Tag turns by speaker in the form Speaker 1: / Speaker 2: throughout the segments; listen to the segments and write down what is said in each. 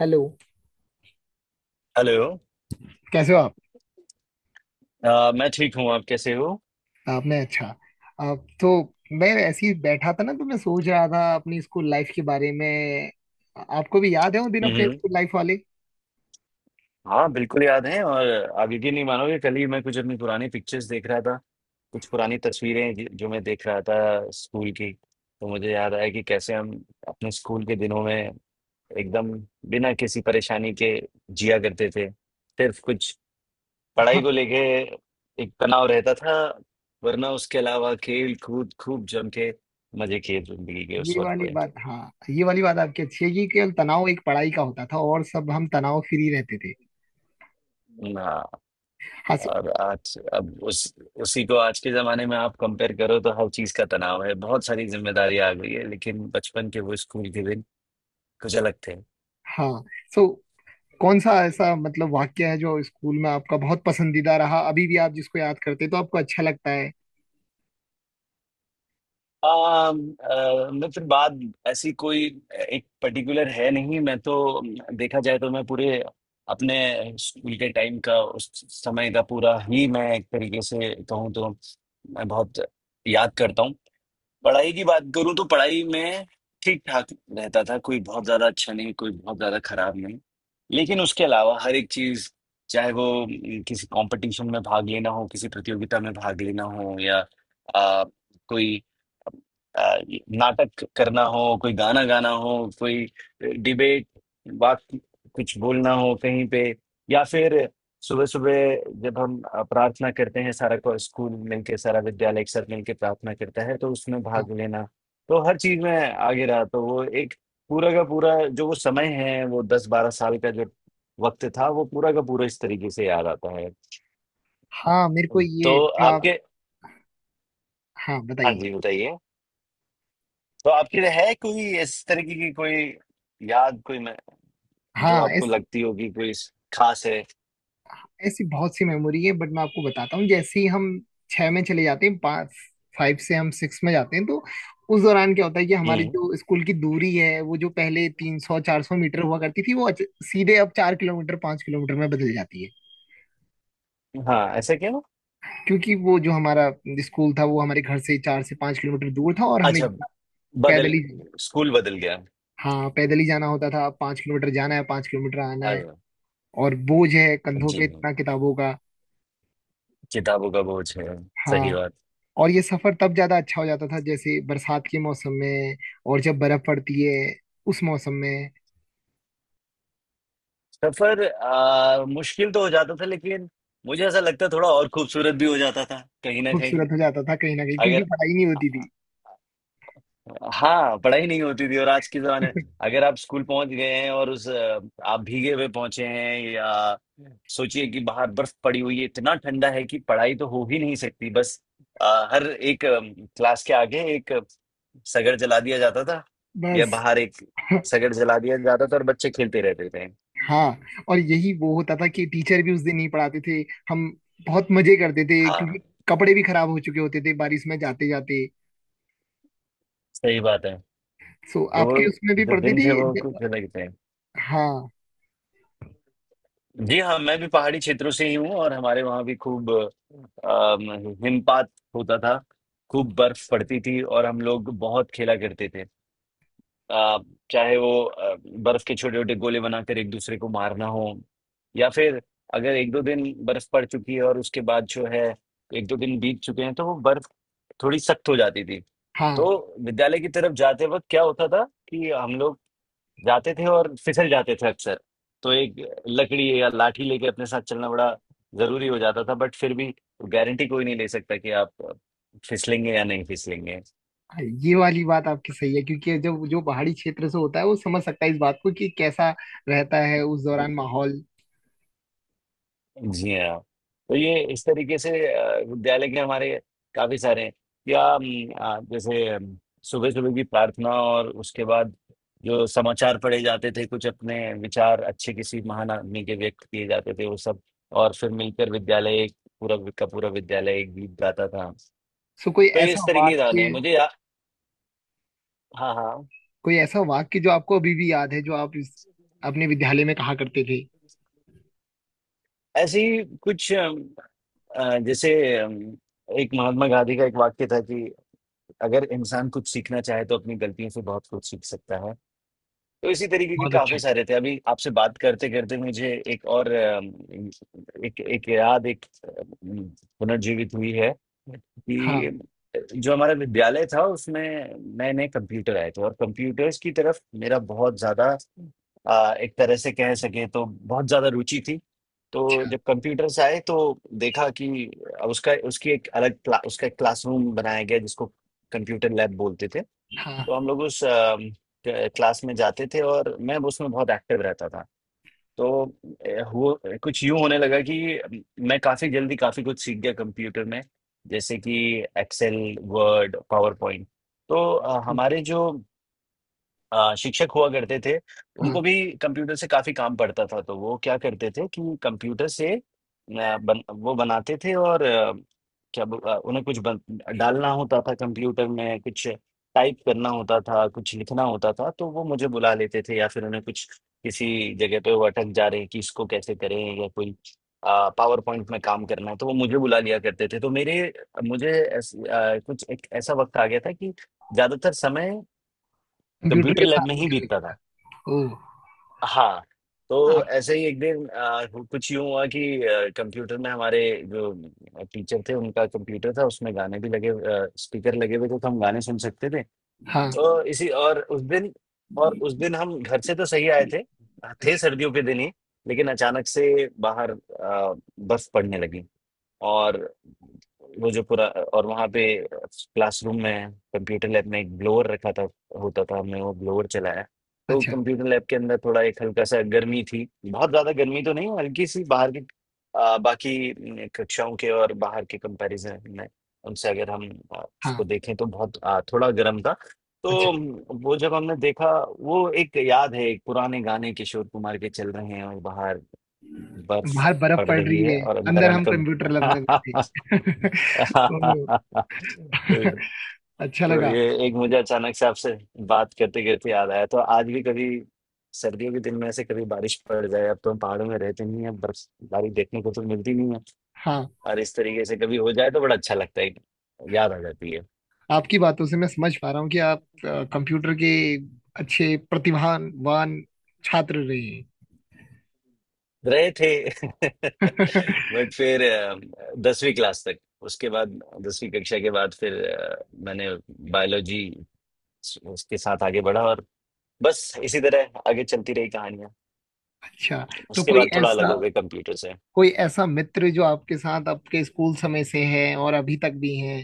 Speaker 1: Hello.
Speaker 2: Hello.
Speaker 1: कैसे हो आप?
Speaker 2: मैं ठीक हूँ। आप कैसे हो?
Speaker 1: आपने अच्छा आप तो मैं ऐसे ही बैठा था ना, तो मैं सोच रहा था अपनी स्कूल लाइफ के बारे में। आपको भी याद है वो दिन अपने
Speaker 2: हम्म।
Speaker 1: स्कूल लाइफ वाले?
Speaker 2: हाँ, बिल्कुल याद है। और आप यकीन नहीं मानोगे, कल ही मैं कुछ अपनी पुरानी पिक्चर्स देख रहा था। कुछ पुरानी तस्वीरें जो मैं देख रहा था स्कूल की। तो मुझे याद आया कि कैसे हम अपने स्कूल के दिनों में एकदम बिना किसी परेशानी के जिया करते थे। सिर्फ कुछ
Speaker 1: हाँ,
Speaker 2: पढ़ाई को लेके एक तनाव रहता था। वरना उसके अलावा खेल कूद खूब जम के मजे किए जिंदगी के उस
Speaker 1: ये
Speaker 2: वक्त
Speaker 1: वाली
Speaker 2: पे।
Speaker 1: बात, हाँ ये वाली बात आपकी अच्छी है कि केवल तनाव एक पढ़ाई का होता था और सब हम तनाव फ्री रहते थे।
Speaker 2: हाँ।
Speaker 1: हाँ। सो।
Speaker 2: और आज अब उस उसी को आज के जमाने में आप कंपेयर करो तो हर चीज का तनाव है। बहुत सारी जिम्मेदारी आ गई है, लेकिन बचपन के वो स्कूल के दिन कुछ अलग थे।
Speaker 1: हाँ सो कौन सा ऐसा मतलब वाक्य है जो स्कूल में आपका बहुत पसंदीदा रहा, अभी भी आप जिसको याद करते हैं तो आपको अच्छा लगता है?
Speaker 2: मित्र बात ऐसी कोई एक पर्टिकुलर है नहीं। मैं तो, देखा जाए तो, मैं पूरे अपने स्कूल के टाइम का, उस समय का पूरा ही, मैं एक तरीके से कहूँ तो, मैं बहुत याद करता हूँ। पढ़ाई की बात करूं तो पढ़ाई में ठीक ठाक रहता था। कोई बहुत ज्यादा अच्छा नहीं, कोई बहुत ज्यादा खराब नहीं। लेकिन उसके अलावा हर एक चीज चाहे वो किसी कंपटीशन में भाग लेना हो, किसी प्रतियोगिता में भाग लेना हो, या आ, कोई आ, नाटक करना हो, कोई गाना गाना हो, कोई डिबेट बात कुछ बोलना हो कहीं पे, या फिर सुबह-सुबह जब हम प्रार्थना करते हैं, सारा को स्कूल मिलके, सारा विद्यालय एक साथ मिलके प्रार्थना करता है, तो उसमें
Speaker 1: हाँ।
Speaker 2: भाग लेना, तो हर चीज़ में आगे रहा। तो वो एक पूरा का पूरा जो वो समय है, वो 10-12 साल का जो वक़्त था, वो पूरा का पूरा इस तरीके से याद आता है।
Speaker 1: हाँ, मेरे को
Speaker 2: तो
Speaker 1: ये जो आप
Speaker 2: आपके,
Speaker 1: हाँ,
Speaker 2: हाँ
Speaker 1: बताइए।
Speaker 2: जी, बताइए? तो आपके है कोई इस तरीके की कोई याद, कोई मैं, जो
Speaker 1: हाँ
Speaker 2: आपको
Speaker 1: इस
Speaker 2: लगती होगी कोई स ख़ास है?
Speaker 1: ऐसी बहुत सी मेमोरी है, बट मैं आपको बताता हूँ, जैसे ही हम 6 में चले जाते हैं, 5, 5 से हम 6 में जाते हैं, तो उस दौरान क्या होता है कि हमारे
Speaker 2: हुँ।
Speaker 1: जो स्कूल की दूरी है, वो जो पहले 300 400 मीटर हुआ करती थी, वो सीधे अब 4 किलोमीटर 5 किलोमीटर में बदल जाती है।
Speaker 2: हाँ, ऐसा क्यों?
Speaker 1: क्योंकि वो जो हमारा स्कूल था वो हमारे घर से 4 से 5 किलोमीटर दूर था, और हमें
Speaker 2: अच्छा,
Speaker 1: जो पैदल
Speaker 2: बदल,
Speaker 1: ही।
Speaker 2: स्कूल बदल गया।
Speaker 1: हाँ, पैदल ही जाना होता था। अब 5 किलोमीटर जाना है, 5 किलोमीटर आना है,
Speaker 2: अरे वाह!
Speaker 1: और बोझ है कंधों
Speaker 2: जी,
Speaker 1: पे इतना किताबों का।
Speaker 2: किताबों का बोझ है, सही
Speaker 1: हाँ।
Speaker 2: बात।
Speaker 1: और ये सफर तब ज्यादा अच्छा हो जाता था, जैसे बरसात के मौसम में और जब बर्फ पड़ती है उस मौसम में।
Speaker 2: सफ़र मुश्किल तो हो जाता था, लेकिन मुझे ऐसा लगता है थोड़ा और खूबसूरत भी हो जाता था, कहीं न कहीं।
Speaker 1: खूबसूरत हो जाता था कहीं ना कहीं, क्योंकि
Speaker 2: अगर,
Speaker 1: पढ़ाई नहीं होती थी।
Speaker 2: हाँ, पढ़ाई नहीं होती थी। और आज के जमाने, अगर आप स्कूल पहुंच गए हैं और उस आप भीगे हुए पहुंचे हैं, या सोचिए कि बाहर बर्फ पड़ी हुई है, इतना ठंडा है कि पढ़ाई तो हो ही नहीं सकती, बस हर एक क्लास के आगे एक सगड़ जला दिया जाता था, या
Speaker 1: बस।
Speaker 2: बाहर एक सगड़ जला दिया जाता था, और बच्चे खेलते रहते थे।
Speaker 1: हाँ, और यही वो होता था कि टीचर भी उस दिन नहीं पढ़ाते थे, हम बहुत मजे करते थे, क्योंकि
Speaker 2: हाँ,
Speaker 1: कपड़े भी खराब हो चुके होते थे बारिश में जाते जाते।
Speaker 2: सही बात है।
Speaker 1: सो,
Speaker 2: तो वो
Speaker 1: आपके उसमें भी
Speaker 2: जो
Speaker 1: पढ़ती
Speaker 2: दिन
Speaker 1: थी
Speaker 2: थे वो कुछ अलग थे।
Speaker 1: हाँ।
Speaker 2: जी हाँ, मैं भी पहाड़ी क्षेत्रों से ही हूँ, और हमारे वहाँ भी खूब हिमपात होता था। खूब बर्फ पड़ती थी, और हम लोग बहुत खेला करते थे। अ, चाहे वो बर्फ के छोटे छोटे गोले बनाकर एक दूसरे को मारना हो, या फिर अगर एक दो दिन बर्फ पड़ चुकी है और उसके बाद जो है एक दो दिन बीत चुके हैं, तो वो बर्फ थोड़ी सख्त हो जाती थी।
Speaker 1: हाँ।
Speaker 2: तो विद्यालय की तरफ जाते वक्त क्या होता था कि हम लोग जाते थे और फिसल जाते थे अक्सर। तो एक लकड़ी या लाठी लेके अपने साथ चलना बड़ा जरूरी हो जाता था। बट फिर भी गारंटी कोई नहीं ले सकता कि आप फिसलेंगे या नहीं
Speaker 1: हाँ, ये वाली बात आपकी सही है, क्योंकि
Speaker 2: फिसलेंगे।
Speaker 1: जब जो पहाड़ी क्षेत्र से होता है वो समझ सकता है इस बात को कि कैसा रहता है उस दौरान माहौल।
Speaker 2: जी हाँ। तो ये इस तरीके से विद्यालय के हमारे काफ़ी सारे हैं, या जैसे सुबह-सुबह की प्रार्थना और उसके बाद जो समाचार पढ़े जाते थे, कुछ अपने विचार अच्छे किसी महान आदमी के व्यक्त किए जाते थे, वो सब, और फिर मिलकर विद्यालय एक पूरा का पूरा विद्यालय एक गीत गाता था।
Speaker 1: सो, कोई
Speaker 2: तो ये इस
Speaker 1: ऐसा
Speaker 2: तरीके की यादें
Speaker 1: वाक्य
Speaker 2: हैं मुझे, या, हाँ, हाँ।
Speaker 1: कोई ऐसा वाक्य जो आपको अभी भी याद है, जो आप इस अपने विद्यालय में कहा करते थे?
Speaker 2: ऐसे ही कुछ जैसे एक महात्मा गांधी का एक वाक्य था कि अगर इंसान कुछ सीखना चाहे तो अपनी गलतियों से बहुत कुछ सीख सकता है। तो इसी तरीके के
Speaker 1: बहुत अच्छा।
Speaker 2: काफ़ी सारे थे। अभी आपसे बात करते-करते मुझे एक और एक एक याद एक उम, पुनर्जीवित हुई है कि
Speaker 1: हाँ।
Speaker 2: जो हमारा विद्यालय था उसमें नए-नए कंप्यूटर आए थे, और कंप्यूटर्स की तरफ मेरा बहुत ज़्यादा, एक तरह से कह सकें तो, बहुत ज़्यादा रुचि थी। तो
Speaker 1: अच्छा।
Speaker 2: जब कंप्यूटर्स आए तो देखा कि उसका उसकी एक अलग क्ला उसका एक क्लासरूम बनाया गया जिसको कंप्यूटर लैब बोलते थे।
Speaker 1: हाँ।
Speaker 2: तो हम लोग उस क्लास में जाते थे, और मैं उसमें बहुत एक्टिव रहता था। तो हुआ, कुछ यूं होने लगा कि मैं काफी जल्दी काफी कुछ सीख गया कंप्यूटर में, जैसे कि एक्सेल, वर्ड, पावर पॉइंट। तो हमारे जो शिक्षक हुआ करते थे,
Speaker 1: हाँ,
Speaker 2: उनको भी कंप्यूटर से काफ़ी काम पड़ता था। तो वो क्या करते थे कि कंप्यूटर से, अ, बन वो बनाते थे, और उन्हें कुछ बन डालना होता था कंप्यूटर में, कुछ टाइप करना होता था, कुछ लिखना होता था, तो वो मुझे बुला लेते थे। या फिर उन्हें कुछ किसी जगह पे वो अटक जा रहे हैं कि इसको कैसे करें, या कोई पावर पॉइंट में काम करना है, तो वो मुझे बुला लिया करते थे। तो मेरे मुझे कुछ एक ऐसा वक़्त आ गया था कि ज़्यादातर समय
Speaker 1: कंप्यूटर
Speaker 2: कंप्यूटर
Speaker 1: के
Speaker 2: लैब
Speaker 1: साथ
Speaker 2: में
Speaker 1: भी
Speaker 2: ही
Speaker 1: कर
Speaker 2: बीतता
Speaker 1: लिया
Speaker 2: था।
Speaker 1: था। ओ।
Speaker 2: हाँ। तो
Speaker 1: आप।
Speaker 2: ऐसे ही एक दिन कुछ यूं हुआ कि कंप्यूटर में हमारे जो टीचर थे, उनका कंप्यूटर था, उसमें गाने भी लगे, स्पीकर लगे हुए थे, तो हम गाने सुन सकते थे।
Speaker 1: हाँ।
Speaker 2: तो इसी और उस दिन हम घर से तो सही आए थे। थे
Speaker 1: अच्छा।
Speaker 2: सर्दियों के दिन ही। लेकिन अचानक से बाहर बर्फ पड़ने लगी। और वो जो पूरा और वहाँ पे क्लासरूम में, कंप्यूटर लैब में एक ब्लोअर रखा था होता था। हमने वो ब्लोअर चलाया, तो
Speaker 1: अच्छा।
Speaker 2: कंप्यूटर लैब के अंदर थोड़ा एक हल्का सा गर्मी थी। बहुत ज़्यादा गर्मी तो नहीं, हल्की सी, बाहर की बाकी न, कक्षाओं के और बाहर के कंपैरिजन में, उनसे अगर हम उसको
Speaker 1: हाँ।
Speaker 2: देखें तो बहुत, थोड़ा गर्म था।
Speaker 1: अच्छा।
Speaker 2: तो वो जब हमने देखा, वो एक याद है। एक पुराने गाने किशोर कुमार के चल रहे हैं, और बाहर बर्फ
Speaker 1: बाहर बर्फ
Speaker 2: पड़
Speaker 1: पड़
Speaker 2: रही
Speaker 1: रही
Speaker 2: है,
Speaker 1: है,
Speaker 2: और अंदर
Speaker 1: अंदर
Speaker 2: हम।
Speaker 1: हम
Speaker 2: तो,
Speaker 1: कंप्यूटर लैब में बैठे। ओ, अच्छा
Speaker 2: तो
Speaker 1: लगा।
Speaker 2: ये एक मुझे अचानक से आपसे बात करते करते याद आया। तो आज भी कभी सर्दियों के दिन में ऐसे कभी बारिश पड़ जाए, अब तो हम पहाड़ों में रहते नहीं है, बर्फबारी देखने को तो मिलती नहीं है,
Speaker 1: हाँ,
Speaker 2: और इस तरीके से कभी हो जाए तो बड़ा अच्छा लगता है, याद आ जाती है।
Speaker 1: आपकी बातों से मैं समझ पा रहा हूँ कि आप कंप्यूटर के अच्छे प्रतिभावान छात्र रहे
Speaker 2: रहे थे
Speaker 1: हैं।
Speaker 2: बट फिर दसवीं क्लास तक, उसके बाद दसवीं कक्षा के बाद फिर मैंने बायोलॉजी उसके साथ आगे बढ़ा, और बस इसी तरह आगे चलती रही कहानियाँ।
Speaker 1: अच्छा। तो
Speaker 2: उसके
Speaker 1: कोई
Speaker 2: बाद थोड़ा अलग
Speaker 1: ऐसा
Speaker 2: हो गए कंप्यूटर से।
Speaker 1: कोई ऐसा मित्र जो आपके साथ आपके स्कूल समय से है और अभी तक भी है?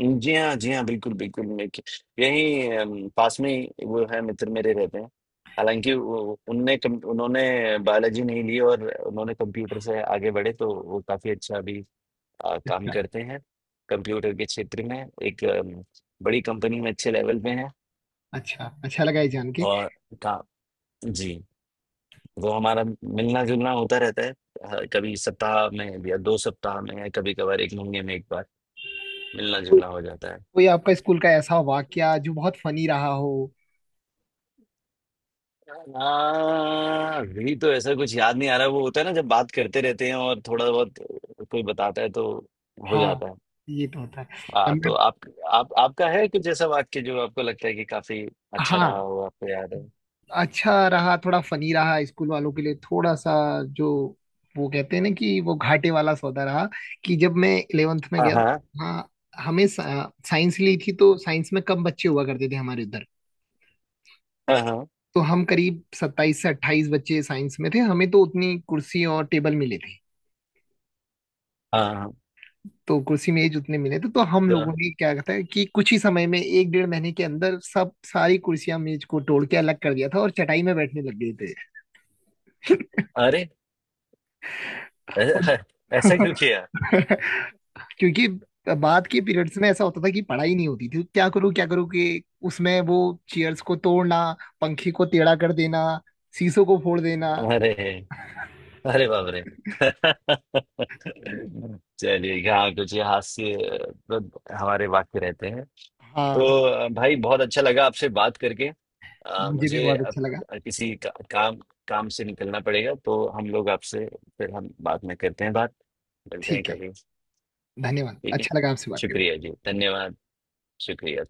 Speaker 2: जी हाँ, जी हाँ, बिल्कुल बिल्कुल। यही पास में ही वो है, मित्र मेरे रहते हैं। हालांकि उन्होंने बायोलॉजी नहीं ली, और उन्होंने कंप्यूटर से आगे बढ़े, तो वो काफी अच्छा अभी काम
Speaker 1: अच्छा।
Speaker 2: करते हैं कंप्यूटर के क्षेत्र में, एक बड़ी कंपनी में अच्छे लेवल पे हैं।
Speaker 1: अच्छा। अच्छा लगा ये जान के।
Speaker 2: और का जी, वो हमारा मिलना जुलना होता रहता है। कभी सप्ताह में, या दो सप्ताह में, या कभी कभार एक महीने में एक बार मिलना
Speaker 1: कोई
Speaker 2: जुलना हो जाता है।
Speaker 1: कोई आपका स्कूल का ऐसा वाकया जो बहुत फनी रहा हो?
Speaker 2: हाँ, अभी तो ऐसा कुछ याद नहीं आ रहा। वो होता है ना, जब बात करते रहते हैं और थोड़ा बहुत कोई बताता है, तो हो जाता
Speaker 1: हाँ,
Speaker 2: है।
Speaker 1: ये तो होता है।
Speaker 2: हाँ,
Speaker 1: हम-
Speaker 2: तो आप, आपका है कुछ ऐसा वाक्य जो आपको लगता है कि काफी अच्छा रहा
Speaker 1: हाँ,
Speaker 2: हो, आपको याद है?
Speaker 1: अच्छा रहा, थोड़ा फनी रहा स्कूल वालों के लिए, थोड़ा सा जो वो कहते हैं ना, कि वो घाटे वाला सौदा रहा कि जब मैं 11th में
Speaker 2: हाँ,
Speaker 1: गया।
Speaker 2: हाँ।
Speaker 1: हाँ। हमें साइंस ली थी, तो साइंस में कम बच्चे हुआ करते थे हमारे उधर।
Speaker 2: हाँ, हाँ।
Speaker 1: तो हम करीब 27 से 28 बच्चे साइंस में थे, हमें तो उतनी कुर्सी और टेबल मिले थे।
Speaker 2: हाँ, हाँ।
Speaker 1: तो कुर्सी मेज उतने मिले थे, तो हम लोगों
Speaker 2: तो-
Speaker 1: ने क्या कहता है कि कुछ ही समय में एक 1.5 महीने के अंदर सब सारी कुर्सियां मेज को तोड़ के अलग कर दिया था और चटाई में बैठने लग गए थे।
Speaker 2: अरे, ऐ-
Speaker 1: और
Speaker 2: ऐ- ऐसा क्यों किया?
Speaker 1: क्योंकि बाद के पीरियड्स में ऐसा होता था कि पढ़ाई नहीं होती थी। क्या करूँ, क्या करूँ कि उसमें वो चेयर्स को तोड़ना, पंखे को टेढ़ा कर देना, शीशों को फोड़ देना।
Speaker 2: अरे, अरे बाप रे। चलिए, यहाँ कुछ ये हास्य तो हमारे वाक्य रहते हैं। तो
Speaker 1: हाँ,
Speaker 2: भाई, बहुत अच्छा लगा आपसे बात करके।
Speaker 1: मुझे भी
Speaker 2: मुझे
Speaker 1: बहुत
Speaker 2: अब
Speaker 1: अच्छा लगा।
Speaker 2: किसी का, काम काम से निकलना पड़ेगा, तो हम लोग आपसे फिर, हम बाद में करते हैं बात। मिलते हैं
Speaker 1: ठीक है।
Speaker 2: कभी।
Speaker 1: धन्यवाद,
Speaker 2: ठीक है।
Speaker 1: अच्छा लगा आपसे बात करके।
Speaker 2: शुक्रिया जी, धन्यवाद। शुक्रिया।